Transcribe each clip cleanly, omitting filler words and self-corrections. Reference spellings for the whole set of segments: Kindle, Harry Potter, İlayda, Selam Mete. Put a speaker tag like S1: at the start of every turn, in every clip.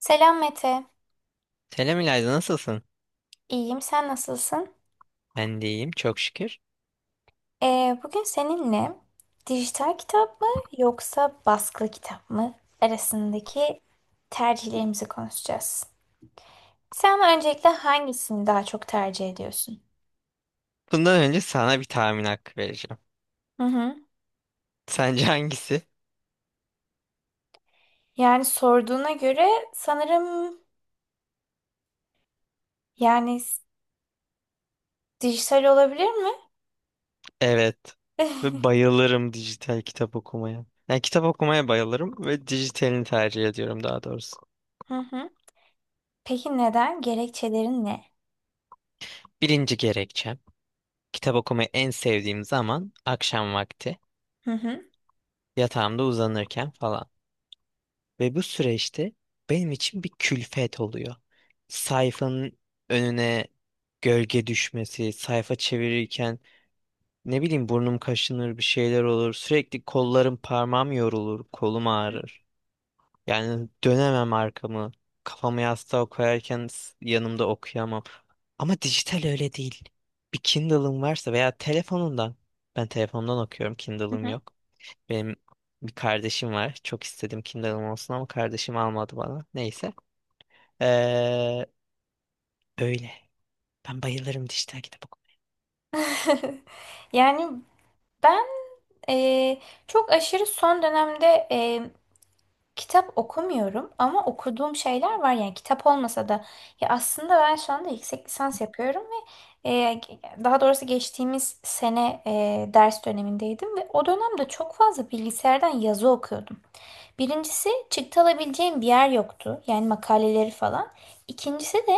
S1: Selam Mete.
S2: Selam İlayda, nasılsın?
S1: İyiyim, sen nasılsın?
S2: Ben de iyiyim, çok şükür.
S1: Bugün seninle dijital kitap mı yoksa baskılı kitap mı arasındaki tercihlerimizi konuşacağız. Sen öncelikle hangisini daha çok tercih ediyorsun?
S2: Bundan önce sana bir tahmin hakkı vereceğim.
S1: Hı hı.
S2: Sence hangisi?
S1: Yani sorduğuna göre sanırım yani s- dijital olabilir mi?
S2: Evet. Ve bayılırım dijital kitap okumaya. Yani kitap okumaya bayılırım ve dijitalini tercih ediyorum, daha doğrusu.
S1: Hı hı. Peki neden? Gerekçelerin ne?
S2: Birinci gerekçem. Kitap okumayı en sevdiğim zaman akşam vakti.
S1: Hı hı.
S2: Yatağımda uzanırken falan. Ve bu süreçte benim için bir külfet oluyor. Sayfanın önüne gölge düşmesi, sayfa çevirirken, ne bileyim, burnum kaşınır, bir şeyler olur. Sürekli kollarım, parmağım yorulur. Kolum ağrır. Yani dönemem arkamı. Kafamı yastığa koyarken yanımda okuyamam. Ama dijital öyle değil. Bir Kindle'ın varsa veya telefonundan. Ben telefondan okuyorum.
S1: Hı
S2: Kindle'ım
S1: hı.
S2: yok. Benim bir kardeşim var. Çok istedim Kindle'ım olsun ama kardeşim almadı bana. Neyse. Ee, öyle. Ben bayılırım dijital kitap okumaya.
S1: Yani ben e, çok aşırı son dönemde kitap okumuyorum ama okuduğum şeyler var, yani kitap olmasa da. Ya aslında ben şu anda yüksek lisans yapıyorum ve e, daha doğrusu geçtiğimiz sene ders dönemindeydim ve o dönemde çok fazla bilgisayardan yazı okuyordum. Birincisi çıktı alabileceğim bir yer yoktu, yani makaleleri falan. İkincisi de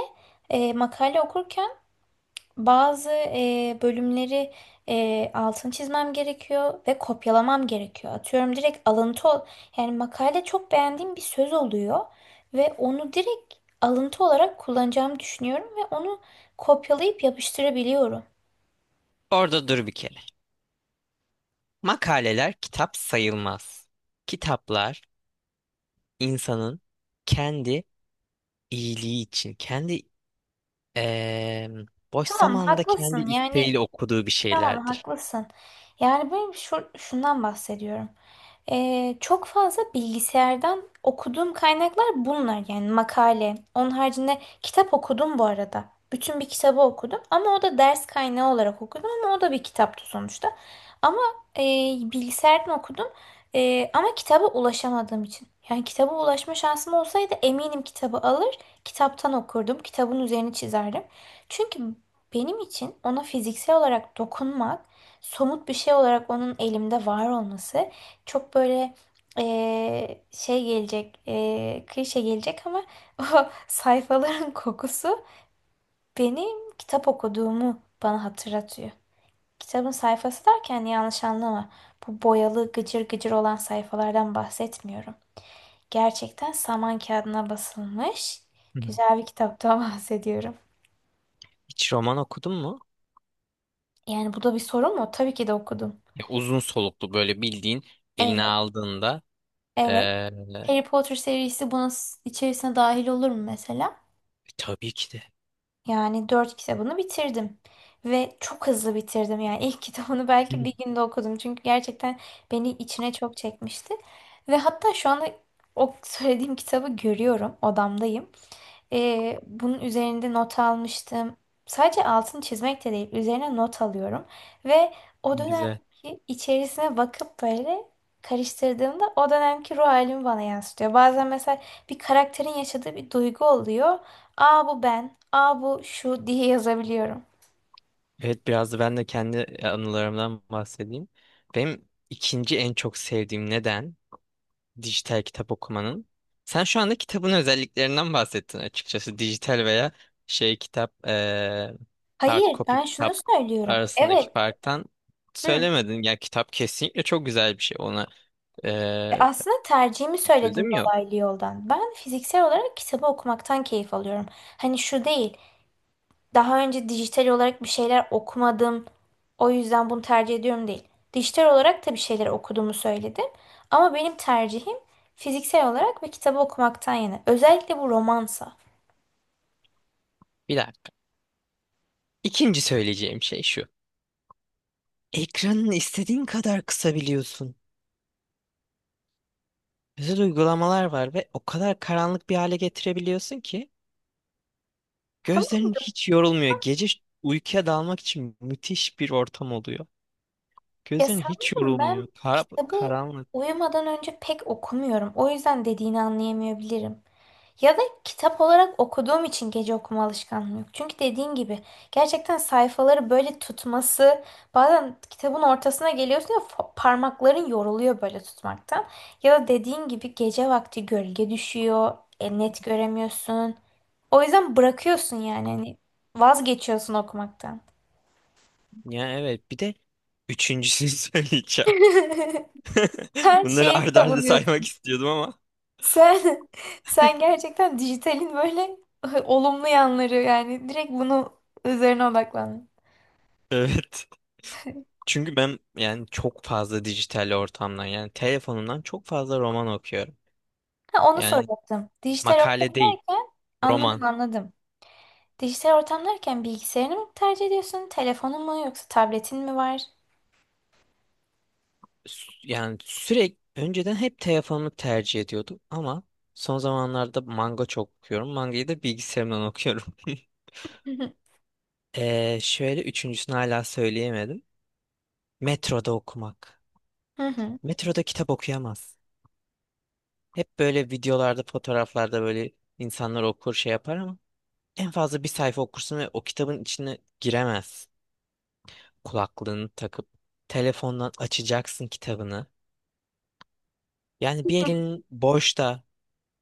S1: makale okurken bazı bölümleri altını çizmem gerekiyor ve kopyalamam gerekiyor. Atıyorum direkt yani makale çok beğendiğim bir söz oluyor ve onu direkt alıntı olarak kullanacağımı düşünüyorum ve onu kopyalayıp yapıştırabiliyorum.
S2: Orada dur bir kere. Makaleler kitap sayılmaz. Kitaplar insanın kendi iyiliği için, kendi eee, boş
S1: Tamam
S2: zamanında kendi
S1: haklısın, yani
S2: isteğiyle okuduğu bir
S1: tamam
S2: şeylerdir.
S1: haklısın. Yani benim şundan bahsediyorum. Çok fazla bilgisayardan okuduğum kaynaklar bunlar, yani makale. Onun haricinde kitap okudum bu arada. Bütün bir kitabı okudum ama o da ders kaynağı olarak okudum, ama o da bir kitaptı sonuçta. Ama e, bilgisayardan okudum. Ama kitaba ulaşamadığım için. Yani kitaba ulaşma şansım olsaydı eminim kitabı alır, kitaptan okurdum, kitabın üzerini çizerdim. Çünkü benim için ona fiziksel olarak dokunmak, somut bir şey olarak onun elimde var olması çok böyle, şey gelecek, klişe gelecek ama o sayfaların kokusu benim kitap okuduğumu bana hatırlatıyor. Kitabın sayfası derken yanlış anlama. Bu boyalı gıcır gıcır olan sayfalardan bahsetmiyorum. Gerçekten saman kağıdına basılmış
S2: Hı hı.
S1: güzel bir kitaptan bahsediyorum.
S2: Hiç roman okudun mu?
S1: Yani bu da bir sorun mu? Tabii ki de okudum.
S2: Ya, uzun soluklu, böyle bildiğin eline
S1: Evet,
S2: aldığında,
S1: evet.
S2: eee,
S1: Harry Potter serisi bunun içerisine dahil olur mu mesela?
S2: tabii ki de.
S1: Yani dört kitabını bitirdim. Ve çok hızlı bitirdim. Yani ilk kitabını
S2: Hı.
S1: belki bir günde okudum. Çünkü gerçekten beni içine çok çekmişti. Ve hatta şu anda o söylediğim kitabı görüyorum. Odamdayım. Bunun üzerinde not almıştım. Sadece altını çizmek de değil, üzerine not alıyorum. Ve o
S2: Güzel.
S1: dönemki içerisine bakıp böyle karıştırdığımda o dönemki ruh halimi bana yansıtıyor. Bazen mesela bir karakterin yaşadığı bir duygu oluyor. Aa bu ben, aa bu şu diye yazabiliyorum.
S2: Evet, biraz da ben de kendi anılarımdan bahsedeyim. Benim ikinci en çok sevdiğim neden dijital kitap okumanın. Sen şu anda kitabın özelliklerinden bahsettin açıkçası. Dijital veya şey kitap, hard
S1: Hayır,
S2: copy
S1: ben şunu
S2: kitap
S1: söylüyorum.
S2: arasındaki
S1: Evet,
S2: farktan
S1: hı.
S2: söylemedin. Ya kitap kesinlikle çok güzel bir şey. Ona eee
S1: Aslında tercihimi söyledim
S2: sözüm yok.
S1: dolaylı yoldan. Ben fiziksel olarak kitabı okumaktan keyif alıyorum. Hani şu değil, daha önce dijital olarak bir şeyler okumadım, o yüzden bunu tercih ediyorum değil. Dijital olarak da bir şeyler okuduğumu söyledim. Ama benim tercihim fiziksel olarak bir kitabı okumaktan yana. Özellikle bu romansa.
S2: Bir dakika. İkinci söyleyeceğim şey şu. Ekranını istediğin kadar kısabiliyorsun. Özel uygulamalar var ve o kadar karanlık bir hale getirebiliyorsun ki
S1: Tamam
S2: gözlerin
S1: da
S2: hiç yorulmuyor. Gece uykuya dalmak için müthiş bir ortam oluyor.
S1: ya
S2: Gözlerin hiç
S1: sanırım
S2: yorulmuyor.
S1: ben
S2: Kara,
S1: kitabı
S2: karanlık.
S1: uyumadan önce pek okumuyorum. O yüzden dediğini anlayamayabilirim. Ya da kitap olarak okuduğum için gece okuma alışkanlığım yok. Çünkü dediğin gibi gerçekten sayfaları böyle tutması, bazen kitabın ortasına geliyorsun ya parmakların yoruluyor böyle tutmaktan. Ya da dediğin gibi gece vakti gölge düşüyor, net göremiyorsun. O yüzden bırakıyorsun, yani hani vazgeçiyorsun okumaktan.
S2: Ya evet. Bir de üçüncüsünü söyleyeceğim.
S1: Ben
S2: Bunları
S1: şey
S2: arda arda
S1: savunuyordum.
S2: saymak istiyordum ama.
S1: Sen sen gerçekten dijitalin böyle olumlu yanları, yani direkt bunu üzerine odaklan.
S2: Evet. Çünkü ben, yani, çok fazla dijital ortamdan, yani telefonumdan çok fazla roman okuyorum.
S1: Ha, onu
S2: Yani
S1: soracaktım. Dijital
S2: makale değil,
S1: ortamdayken, anladım
S2: roman.
S1: anladım. Dijital ortamdayken bilgisayarını mı tercih ediyorsun? Telefonun mu, yoksa tabletin mi var?
S2: Yani sürekli önceden hep telefonumu tercih ediyordum ama son zamanlarda manga çok okuyorum. Mangayı da bilgisayarımdan okuyorum. Şöyle, üçüncüsünü hala söyleyemedim. Metroda okumak.
S1: Hı hı.
S2: Metroda kitap okuyamaz. Hep böyle videolarda, fotoğraflarda, böyle insanlar okur, şey yapar ama en fazla bir sayfa okursun ve o kitabın içine giremez. Kulaklığını takıp telefondan açacaksın kitabını. Yani bir elin boşta.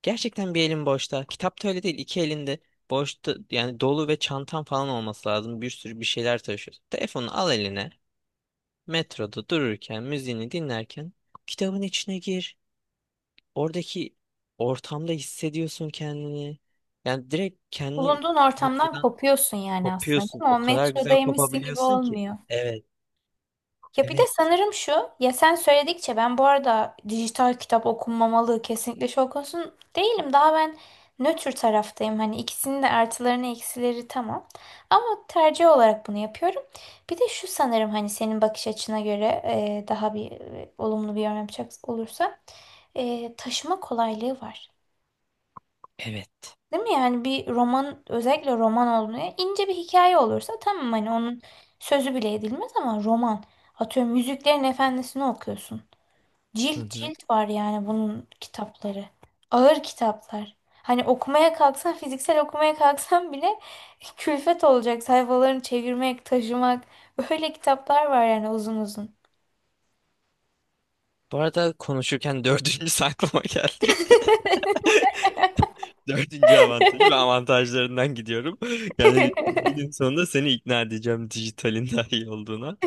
S2: Gerçekten bir elin boşta. Kitap da öyle değil. İki elinde boşta, yani dolu ve çantan falan olması lazım. Bir sürü bir şeyler taşıyorsun. Telefonu al eline. Metroda dururken, müziğini dinlerken kitabın içine gir. Oradaki ortamda hissediyorsun kendini. Yani direkt kendi
S1: Bulunduğun ortamdan
S2: metrodan
S1: kopuyorsun yani aslında, değil
S2: kopuyorsun.
S1: mi?
S2: O
S1: O
S2: kadar güzel
S1: metrodaymışsın gibi
S2: kopabiliyorsun ki.
S1: olmuyor.
S2: Evet,
S1: Ya bir de
S2: evet,
S1: sanırım şu, ya sen söyledikçe ben, bu arada dijital kitap okunmamalı kesinlikle şok konusun değilim. Daha ben nötr taraftayım. Hani ikisinin de artılarını eksileri tamam. Ama tercih olarak bunu yapıyorum. Bir de şu sanırım, hani senin bakış açına göre daha bir olumlu bir yorum yapacak olursa taşıma kolaylığı var.
S2: evet.
S1: Değil mi? Yani bir roman, özellikle roman olduğunda ince bir hikaye olursa, tamam hani onun sözü bile edilmez, ama roman. Atıyorum Yüzüklerin Efendisi'ni okuyorsun.
S2: Hı
S1: Cilt
S2: hı.
S1: cilt var yani bunun kitapları. Ağır kitaplar. Hani okumaya kalksan, fiziksel okumaya kalksan bile külfet olacak sayfalarını çevirmek, taşımak. Böyle kitaplar var yani, uzun uzun.
S2: Bu arada konuşurken dördüncü aklıma geldi. Dördüncü avantajı ve avantajlarından gidiyorum. Yani günün sonunda seni ikna edeceğim dijitalin daha iyi olduğuna.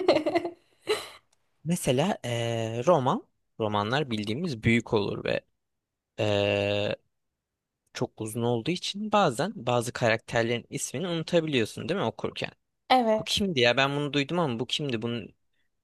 S2: Mesela romanlar bildiğimiz büyük olur ve eee çok uzun olduğu için bazen bazı karakterlerin ismini unutabiliyorsun, değil mi, okurken? Bu
S1: Evet.
S2: kimdi ya? Ben bunu duydum ama bu kimdi? Bunu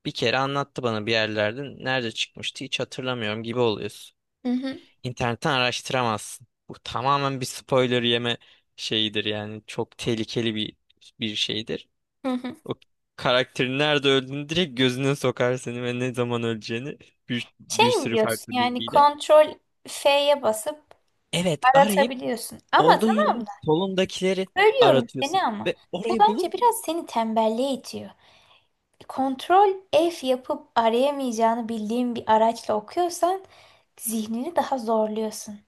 S2: bir kere anlattı bana bir yerlerde. Nerede çıkmıştı, hiç hatırlamıyorum gibi oluyorsun.
S1: Hı hı.
S2: İnternetten araştıramazsın. Bu tamamen bir spoiler yeme şeyidir yani. Çok tehlikeli bir şeydir.
S1: Hı hı.
S2: O karakterin nerede öldüğünü direkt gözüne sokar seni ve ne zaman öleceğini, bir
S1: Şey mi
S2: sürü
S1: diyorsun,
S2: farklı
S1: yani
S2: bilgiyle.
S1: kontrol F'ye basıp
S2: Evet, arayıp,
S1: aratabiliyorsun. Ama
S2: olduğun
S1: tamam
S2: yerin
S1: da
S2: solundakileri
S1: bölüyorum
S2: aratıyorsun.
S1: seni ama.
S2: Ve
S1: Bu
S2: orayı
S1: bence
S2: bulup
S1: biraz seni tembelliğe itiyor. Kontrol F yapıp arayamayacağını bildiğin bir araçla okuyorsan zihnini daha zorluyorsun.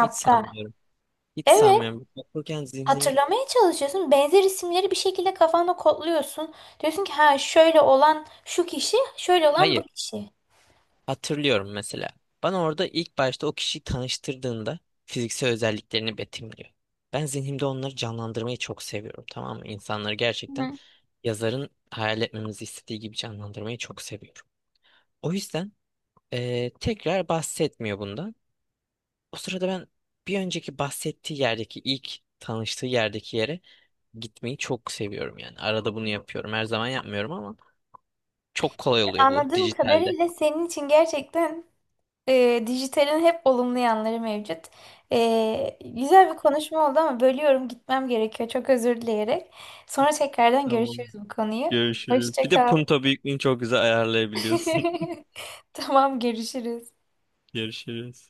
S2: hiç sanmıyorum. Hiç
S1: Evet.
S2: sanmıyorum. Okurken zihnimi...
S1: Hatırlamaya çalışıyorsun. Benzer isimleri bir şekilde kafanda kodluyorsun. Diyorsun ki ha, şöyle olan şu kişi, şöyle olan bu
S2: Hayır.
S1: kişi.
S2: Hatırlıyorum mesela. Bana orada ilk başta o kişiyi tanıştırdığında fiziksel özelliklerini betimliyor. Ben zihnimde onları canlandırmayı çok seviyorum. Tamam mı? İnsanları gerçekten
S1: Hı.
S2: yazarın hayal etmemizi istediği gibi canlandırmayı çok seviyorum. O yüzden tekrar bahsetmiyor bundan. O sırada ben bir önceki bahsettiği yerdeki ilk tanıştığı yerdeki yere gitmeyi çok seviyorum yani. Arada bunu yapıyorum. Her zaman yapmıyorum ama çok kolay oluyor bu
S1: Anladığım
S2: dijitalde.
S1: kadarıyla senin için gerçekten, dijitalin hep olumlu yanları mevcut. Güzel bir konuşma oldu ama bölüyorum, gitmem gerekiyor. Çok özür dileyerek. Sonra tekrardan
S2: Tamam.
S1: görüşürüz bu konuyu.
S2: Görüşürüz.
S1: Hoşça
S2: Bir de
S1: kal.
S2: punto büyüklüğünü çok güzel ayarlayabiliyorsun.
S1: Tamam, görüşürüz.
S2: Görüşürüz.